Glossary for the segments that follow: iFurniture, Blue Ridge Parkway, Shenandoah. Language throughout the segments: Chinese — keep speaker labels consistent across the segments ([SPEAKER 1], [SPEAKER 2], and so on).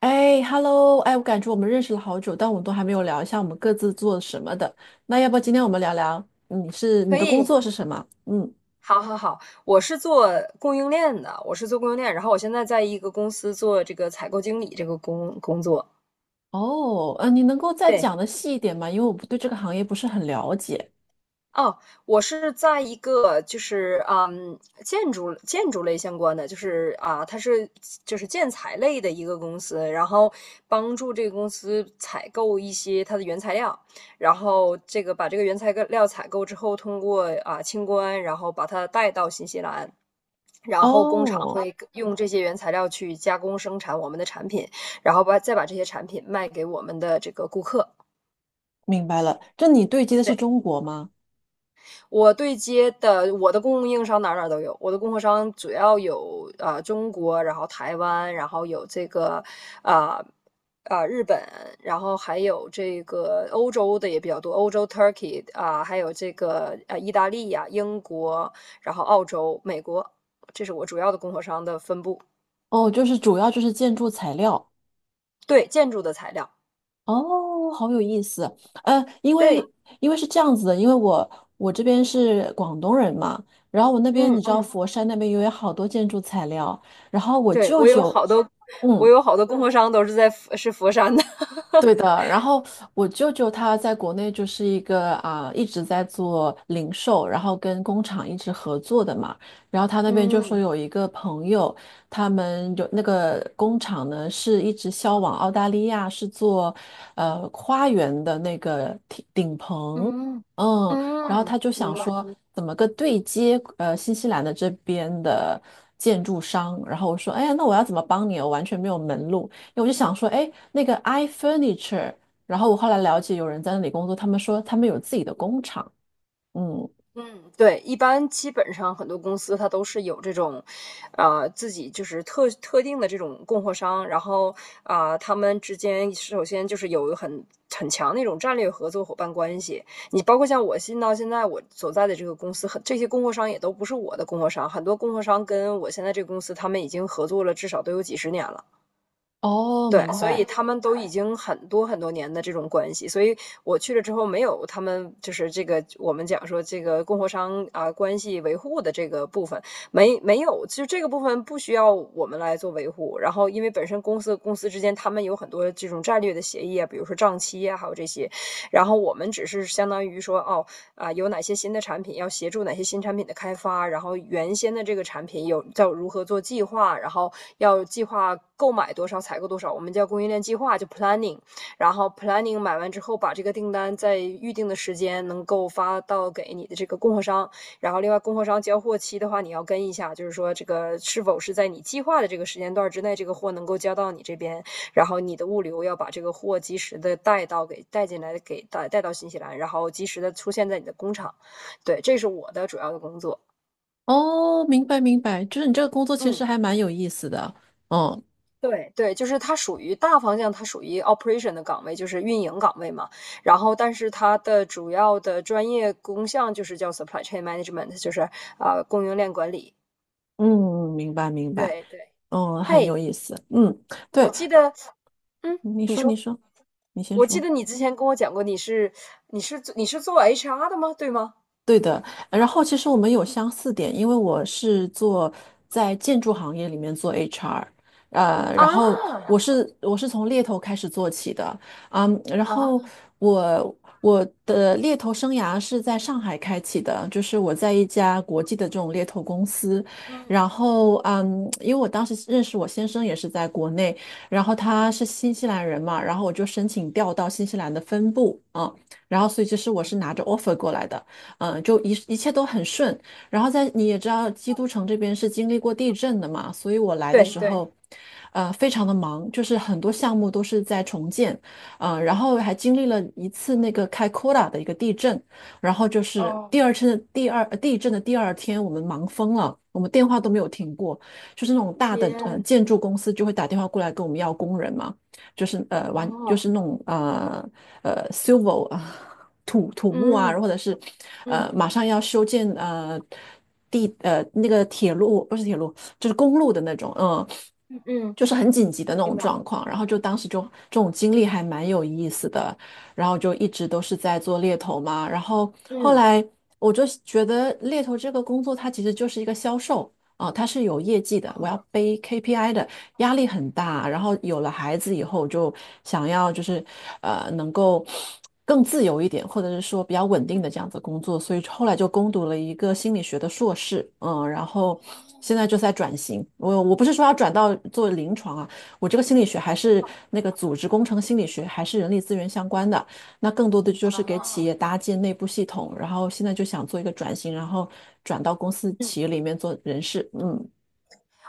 [SPEAKER 1] 哎，Hello，哎，我感觉我们认识了好久，但我们都还没有聊一下我们各自做什么的。那要不今天我们聊聊，你是你
[SPEAKER 2] 可
[SPEAKER 1] 的工
[SPEAKER 2] 以，
[SPEAKER 1] 作是什么？嗯。
[SPEAKER 2] 好好好，我是做供应链的，我是做供应链，然后我现在在一个公司做这个采购经理这个工作。
[SPEAKER 1] 哦，你能够再
[SPEAKER 2] 对，
[SPEAKER 1] 讲的细一点吗？因为我不对这个行业不是很了解。
[SPEAKER 2] 哦，我是在一个就是，嗯，建筑类相关的，就是啊，它是就是建材类的一个公司，然后帮助这个公司采购一些它的原材料，然后这个把这个原材料采购之后，通过啊清关，然后把它带到新西兰。然后工厂
[SPEAKER 1] 哦，
[SPEAKER 2] 会用这些原材料去加工生产我们的产品，然后把再把这些产品卖给我们的这个顾客。
[SPEAKER 1] 明白了，这你对接的是
[SPEAKER 2] 对。
[SPEAKER 1] 中国吗？
[SPEAKER 2] 我对接的我的供应商哪哪都有，我的供货商主要有啊中国，然后台湾，然后有这个啊啊、日本，然后还有这个欧洲的也比较多，欧洲 Turkey 啊、还有这个啊意大利呀、英国，然后澳洲、美国，这是我主要的供货商的分布。
[SPEAKER 1] 哦，就是主要就是建筑材料。
[SPEAKER 2] 对，建筑的材料，
[SPEAKER 1] 哦，好有意思。呃，因
[SPEAKER 2] 对，
[SPEAKER 1] 为因为是这样子的，因为我这边是广东人嘛，然后我那边
[SPEAKER 2] 嗯
[SPEAKER 1] 你知道
[SPEAKER 2] 嗯，
[SPEAKER 1] 佛山那边有好多建筑材料，然后我
[SPEAKER 2] 对
[SPEAKER 1] 舅
[SPEAKER 2] 我有
[SPEAKER 1] 舅，
[SPEAKER 2] 好多，我
[SPEAKER 1] 嗯，
[SPEAKER 2] 有好多供货商都是在佛山的，
[SPEAKER 1] 对的，然后我舅舅他在国内就是一个啊、一直在做零售，然后跟工厂一直合作的嘛。然后他那边就说
[SPEAKER 2] 嗯。
[SPEAKER 1] 有一个朋友，他们有那个工厂呢是一直销往澳大利亚，是做花园的那个顶棚，
[SPEAKER 2] 嗯，
[SPEAKER 1] 嗯，然后
[SPEAKER 2] 嗯，
[SPEAKER 1] 他就
[SPEAKER 2] 明
[SPEAKER 1] 想
[SPEAKER 2] 白。
[SPEAKER 1] 说怎么个对接新西兰的这边的建筑商，然后我说哎呀，那我要怎么帮你？我完全没有门路。我就想说，哎，那个 iFurniture，然后我后来了解有人在那里工作，他们说他们有自己的工厂。嗯，
[SPEAKER 2] 嗯对，一般基本上很多公司它都是有这种，自己就是特定的这种供货商，然后他们之间首先就是有很强那种战略合作伙伴关系。你包括像我新到现在我所在的这个公司，很这些供货商也都不是我的供货商，很多供货商跟我现在这个公司他们已经合作了至少都有几十年了。
[SPEAKER 1] 哦，
[SPEAKER 2] 对，
[SPEAKER 1] 明
[SPEAKER 2] 所以
[SPEAKER 1] 白。
[SPEAKER 2] 他们都已经很多很多年的这种关系，所以我去了之后没有他们就是这个我们讲说这个供货商啊关系维护的这个部分没有，其实这个部分不需要我们来做维护。然后因为本身公司之间他们有很多这种战略的协议啊，比如说账期啊，还有这些，然后我们只是相当于说哦，有哪些新的产品，要协助哪些新产品的开发，然后原先的这个产品有叫如何做计划，然后要计划购买多少，采购多少，我们叫供应链计划，就 planning。然后 planning 买完之后，把这个订单在预定的时间能够发到给你的这个供货商，然后另外供货商交货期的话，你要跟一下，就是说这个是否是在你计划的这个时间段之内，这个货能够交到你这边。然后你的物流要把这个货及时的带到给带进来，给带到新西兰，然后及时的出现在你的工厂。对，这是我的主要的工作。
[SPEAKER 1] 哦，明白，明白，就是你这个工作其
[SPEAKER 2] 嗯，
[SPEAKER 1] 实还蛮有意思的。嗯
[SPEAKER 2] 对对，就是它属于大方向，它属于 operation 的岗位，就是运营岗位嘛。然后，但是它的主要的专业工项就是叫 supply chain management，就是供应链管理。
[SPEAKER 1] 嗯，明白明白，
[SPEAKER 2] 对对，
[SPEAKER 1] 嗯，很
[SPEAKER 2] 嘿，
[SPEAKER 1] 有意思。嗯，
[SPEAKER 2] 我
[SPEAKER 1] 对，
[SPEAKER 2] 记得，嗯，
[SPEAKER 1] 你
[SPEAKER 2] 你
[SPEAKER 1] 说你
[SPEAKER 2] 说，
[SPEAKER 1] 说，你先
[SPEAKER 2] 我记
[SPEAKER 1] 说。
[SPEAKER 2] 得你之前跟我讲过，你是做 HR 的吗？对吗？
[SPEAKER 1] 对的，然后其实我们有相似点，因为我是做在建筑行业里面做 HR，呃，然后
[SPEAKER 2] 啊
[SPEAKER 1] 我是从猎头开始做起的，嗯，然后
[SPEAKER 2] 啊！
[SPEAKER 1] 我我的猎头生涯是在上海开启的，就是我在一家国际的这种猎头公司，然后嗯，因为我当时认识我先生也是在国内，然后他是新西兰人嘛，然后我就申请调到新西兰的分部啊，然后所以其实我是拿着 offer 过来的。一切都很顺。然后在你也知道，基督城这边是经历过地震的嘛，所以我来的
[SPEAKER 2] 对
[SPEAKER 1] 时
[SPEAKER 2] 对。
[SPEAKER 1] 候，呃，非常的忙，就是很多项目都是在重建，呃，然后还经历了一次那个开库拉的一个地震，然后就是
[SPEAKER 2] 哦，
[SPEAKER 1] 第二次第二呃地震的第二天，我们忙疯了，我们电话都没有停过，就是那种大的
[SPEAKER 2] 天，
[SPEAKER 1] 建筑公司就会打电话过来跟我们要工人嘛，就是呃完就
[SPEAKER 2] 哦，
[SPEAKER 1] 是那种civil 啊。土木啊，
[SPEAKER 2] 嗯
[SPEAKER 1] 或者是
[SPEAKER 2] 嗯
[SPEAKER 1] 马上要修建呃地呃那个铁路不是铁路就是公路的那种，嗯，
[SPEAKER 2] 嗯嗯
[SPEAKER 1] 就是很紧急的那
[SPEAKER 2] 明
[SPEAKER 1] 种
[SPEAKER 2] 白。
[SPEAKER 1] 状况。然后就当时就这种经历还蛮有意思的，然后就一直都是在做猎头嘛。然后后
[SPEAKER 2] 嗯
[SPEAKER 1] 来我就觉得猎头这个工作它其实就是一个销售。哦，他是有业绩的，我要背 KPI 的，压力很大。然后有了孩子以后，就想要就是呃能够更自由一点，或者是说比较稳定的这样子工作，所以后来就攻读了一个心理学的硕士，嗯，然后现在就在转型。我不是说要转到做临床啊，我这个心理学还是那个组织工程心理学，还是人力资源相关的。那更多的就是给企业搭建内部系统，然后现在就想做一个转型，然后转到公司
[SPEAKER 2] 嗯，
[SPEAKER 1] 企业里面做人事。嗯。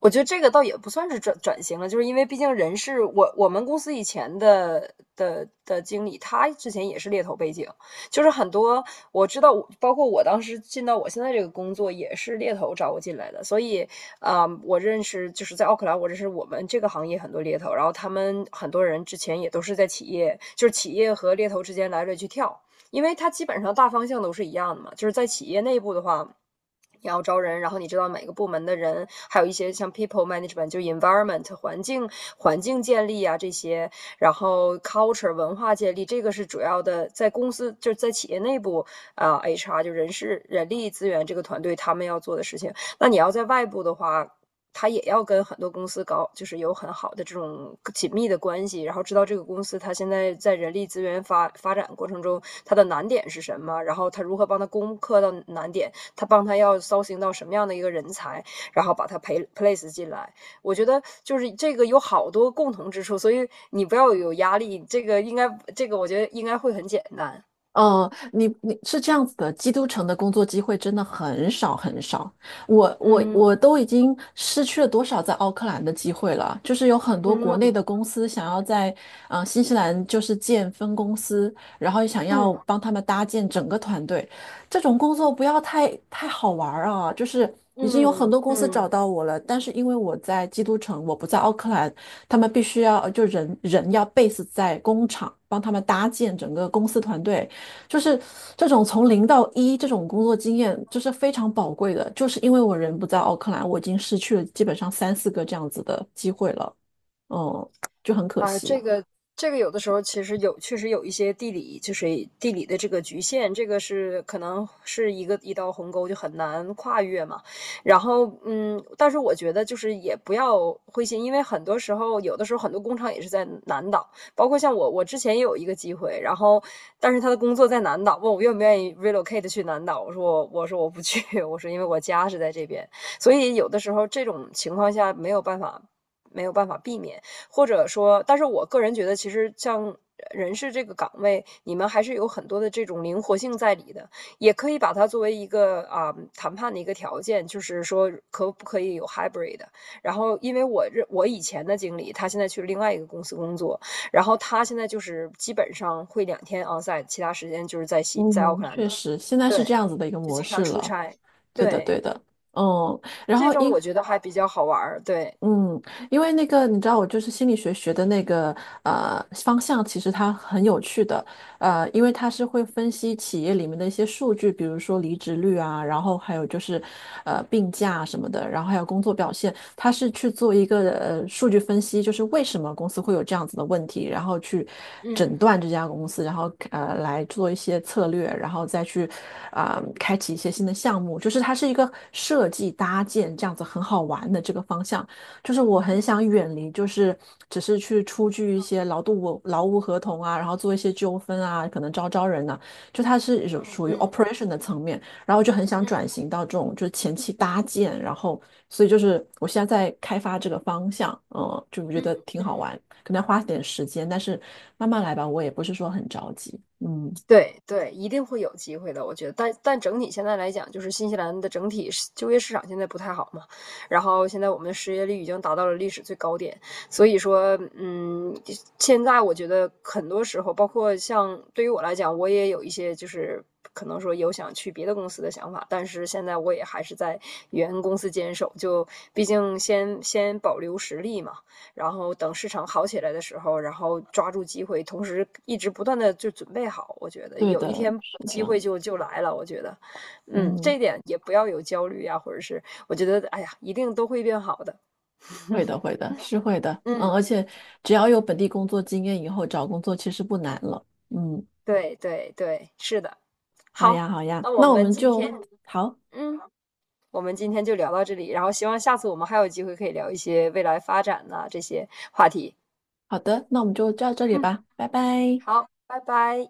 [SPEAKER 2] 我觉得这个倒也不算是转型了，就是因为毕竟人事，我们公司以前的经理，他之前也是猎头背景，就是很多我知道我，包括我当时进到我现在这个工作也是猎头找我进来的，所以我认识就是在奥克兰，我认识我们这个行业很多猎头，然后他们很多人之前也都是在企业，就是企业和猎头之间来来去跳，因为它基本上大方向都是一样的嘛。就是在企业内部的话，你要招人，然后你知道每个部门的人，还有一些像 people management，就 environment 环境建立啊这些，然后 culture 文化建立，这个是主要的，在公司就是在企业内部HR 就人事人力资源这个团队他们要做的事情。那你要在外部的话，他也要跟很多公司搞，就是有很好的这种紧密的关系，然后知道这个公司他现在在人力资源发展过程中他的难点是什么，然后他如何帮他攻克到难点，他帮他要搜寻到什么样的一个人才，然后把他培 place 进来。我觉得就是这个有好多共同之处，所以你不要有压力，这个应该这个我觉得应该会很简单。
[SPEAKER 1] 呃，你你是这样子的，基督城的工作机会真的很少很少。我
[SPEAKER 2] 嗯
[SPEAKER 1] 都已经失去了多少在奥克兰的机会了？就是有很多国内
[SPEAKER 2] 嗯
[SPEAKER 1] 的公司想要在新西兰就是建分公司，然后想要帮他们搭建整个团队。这种工作不要太好玩儿啊！就是已经有很
[SPEAKER 2] 嗯
[SPEAKER 1] 多
[SPEAKER 2] 嗯。
[SPEAKER 1] 公司
[SPEAKER 2] 嗯
[SPEAKER 1] 找到我了，但是因为我在基督城，我不在奥克兰，他们必须要人人要 base 在工厂，帮他们搭建整个公司团队。就是这种从零到一这种工作经验，就是非常宝贵的。就是因为我人不在奥克兰，我已经失去了基本上三四个这样子的机会了，嗯，就很可
[SPEAKER 2] 啊，
[SPEAKER 1] 惜。
[SPEAKER 2] 这个有的时候其实有，确实有一些地理，就是地理的这个局限，这个是可能是一个一道鸿沟，就很难跨越嘛。然后，嗯，但是我觉得就是也不要灰心，因为很多时候，有的时候很多工厂也是在南岛，包括像我，我之前也有一个机会，然后但是他的工作在南岛，问我愿不愿意 relocate 去南岛，我说我不去，我说因为我家是在这边，所以有的时候这种情况下没有办法避免。或者说，但是我个人觉得，其实像人事这个岗位，你们还是有很多的这种灵活性在里的，也可以把它作为一个谈判的一个条件，就是说可不可以有 hybrid。然后，因为我认我以前的经理，他现在去另外一个公司工作，然后他现在就是基本上会两天 onsite，其他时间就是在奥
[SPEAKER 1] 嗯
[SPEAKER 2] 克兰
[SPEAKER 1] 确
[SPEAKER 2] 的，
[SPEAKER 1] 实，现在是
[SPEAKER 2] 对，
[SPEAKER 1] 这样子的一个
[SPEAKER 2] 就
[SPEAKER 1] 模
[SPEAKER 2] 经常
[SPEAKER 1] 式
[SPEAKER 2] 出
[SPEAKER 1] 了。
[SPEAKER 2] 差，
[SPEAKER 1] 对的，
[SPEAKER 2] 对，
[SPEAKER 1] 对的，嗯。然
[SPEAKER 2] 这
[SPEAKER 1] 后
[SPEAKER 2] 种我
[SPEAKER 1] 一。
[SPEAKER 2] 觉得还比较好玩儿，对。
[SPEAKER 1] 嗯，因为那个你知道，我就是心理学学的那个方向，其实它很有趣的，呃，因为它是会分析企业里面的一些数据，比如说离职率啊，然后还有就是病假什么的，然后还有工作表现，它是去做一个数据分析，就是为什么公司会有这样子的问题，然后去诊断这家公司，然后来做一些策略，然后再去啊、开启一些新的项目，就是它是一个设计搭建这样子很好玩的这个方向。就是我很想远离，就是只是去出具一些劳动我劳务合同啊，然后做一些纠纷啊，可能招人呐、就它是有属于 operation 的层面，然后我就很想转型到这种就是前期搭建，然后所以就是我现在在开发这个方向，嗯，就我觉得挺好玩，可能要花点时间，但是慢慢来吧，我也不是说很着急，嗯，
[SPEAKER 2] 对对，一定会有机会的，我觉得。但整体现在来讲，就是新西兰的整体就业市场现在不太好嘛，然后现在我们的失业率已经达到了历史最高点，所以说，嗯，现在我觉得很多时候，包括像对于我来讲，我也有一些就是可能说有想去别的公司的想法，但是现在我也还是在原公司坚守，就毕竟先保留实力嘛。然后等市场好起来的时候，然后抓住机会，同时一直不断的就准备好。我觉得
[SPEAKER 1] 对
[SPEAKER 2] 有一
[SPEAKER 1] 的，
[SPEAKER 2] 天
[SPEAKER 1] 是这
[SPEAKER 2] 机
[SPEAKER 1] 样
[SPEAKER 2] 会
[SPEAKER 1] 子，
[SPEAKER 2] 就来了。我觉得，嗯，这
[SPEAKER 1] 嗯。
[SPEAKER 2] 一点也不要有焦虑呀、啊或者是我觉得，哎呀，一定都会变好的。
[SPEAKER 1] 会的，会的，是会的，嗯，
[SPEAKER 2] 嗯，
[SPEAKER 1] 而且只要有本地工作经验，以后找工作其实不难了。嗯，
[SPEAKER 2] 对对对，是的。
[SPEAKER 1] 好呀，
[SPEAKER 2] 好，
[SPEAKER 1] 好呀，
[SPEAKER 2] 那我
[SPEAKER 1] 那我
[SPEAKER 2] 们
[SPEAKER 1] 们
[SPEAKER 2] 今
[SPEAKER 1] 就
[SPEAKER 2] 天，
[SPEAKER 1] 好，
[SPEAKER 2] 嗯，我们今天就聊到这里，然后希望下次我们还有机会可以聊一些未来发展呐、这些话题。
[SPEAKER 1] 好的，那我们就到这里
[SPEAKER 2] 嗯，
[SPEAKER 1] 吧，拜拜。
[SPEAKER 2] 好，拜拜。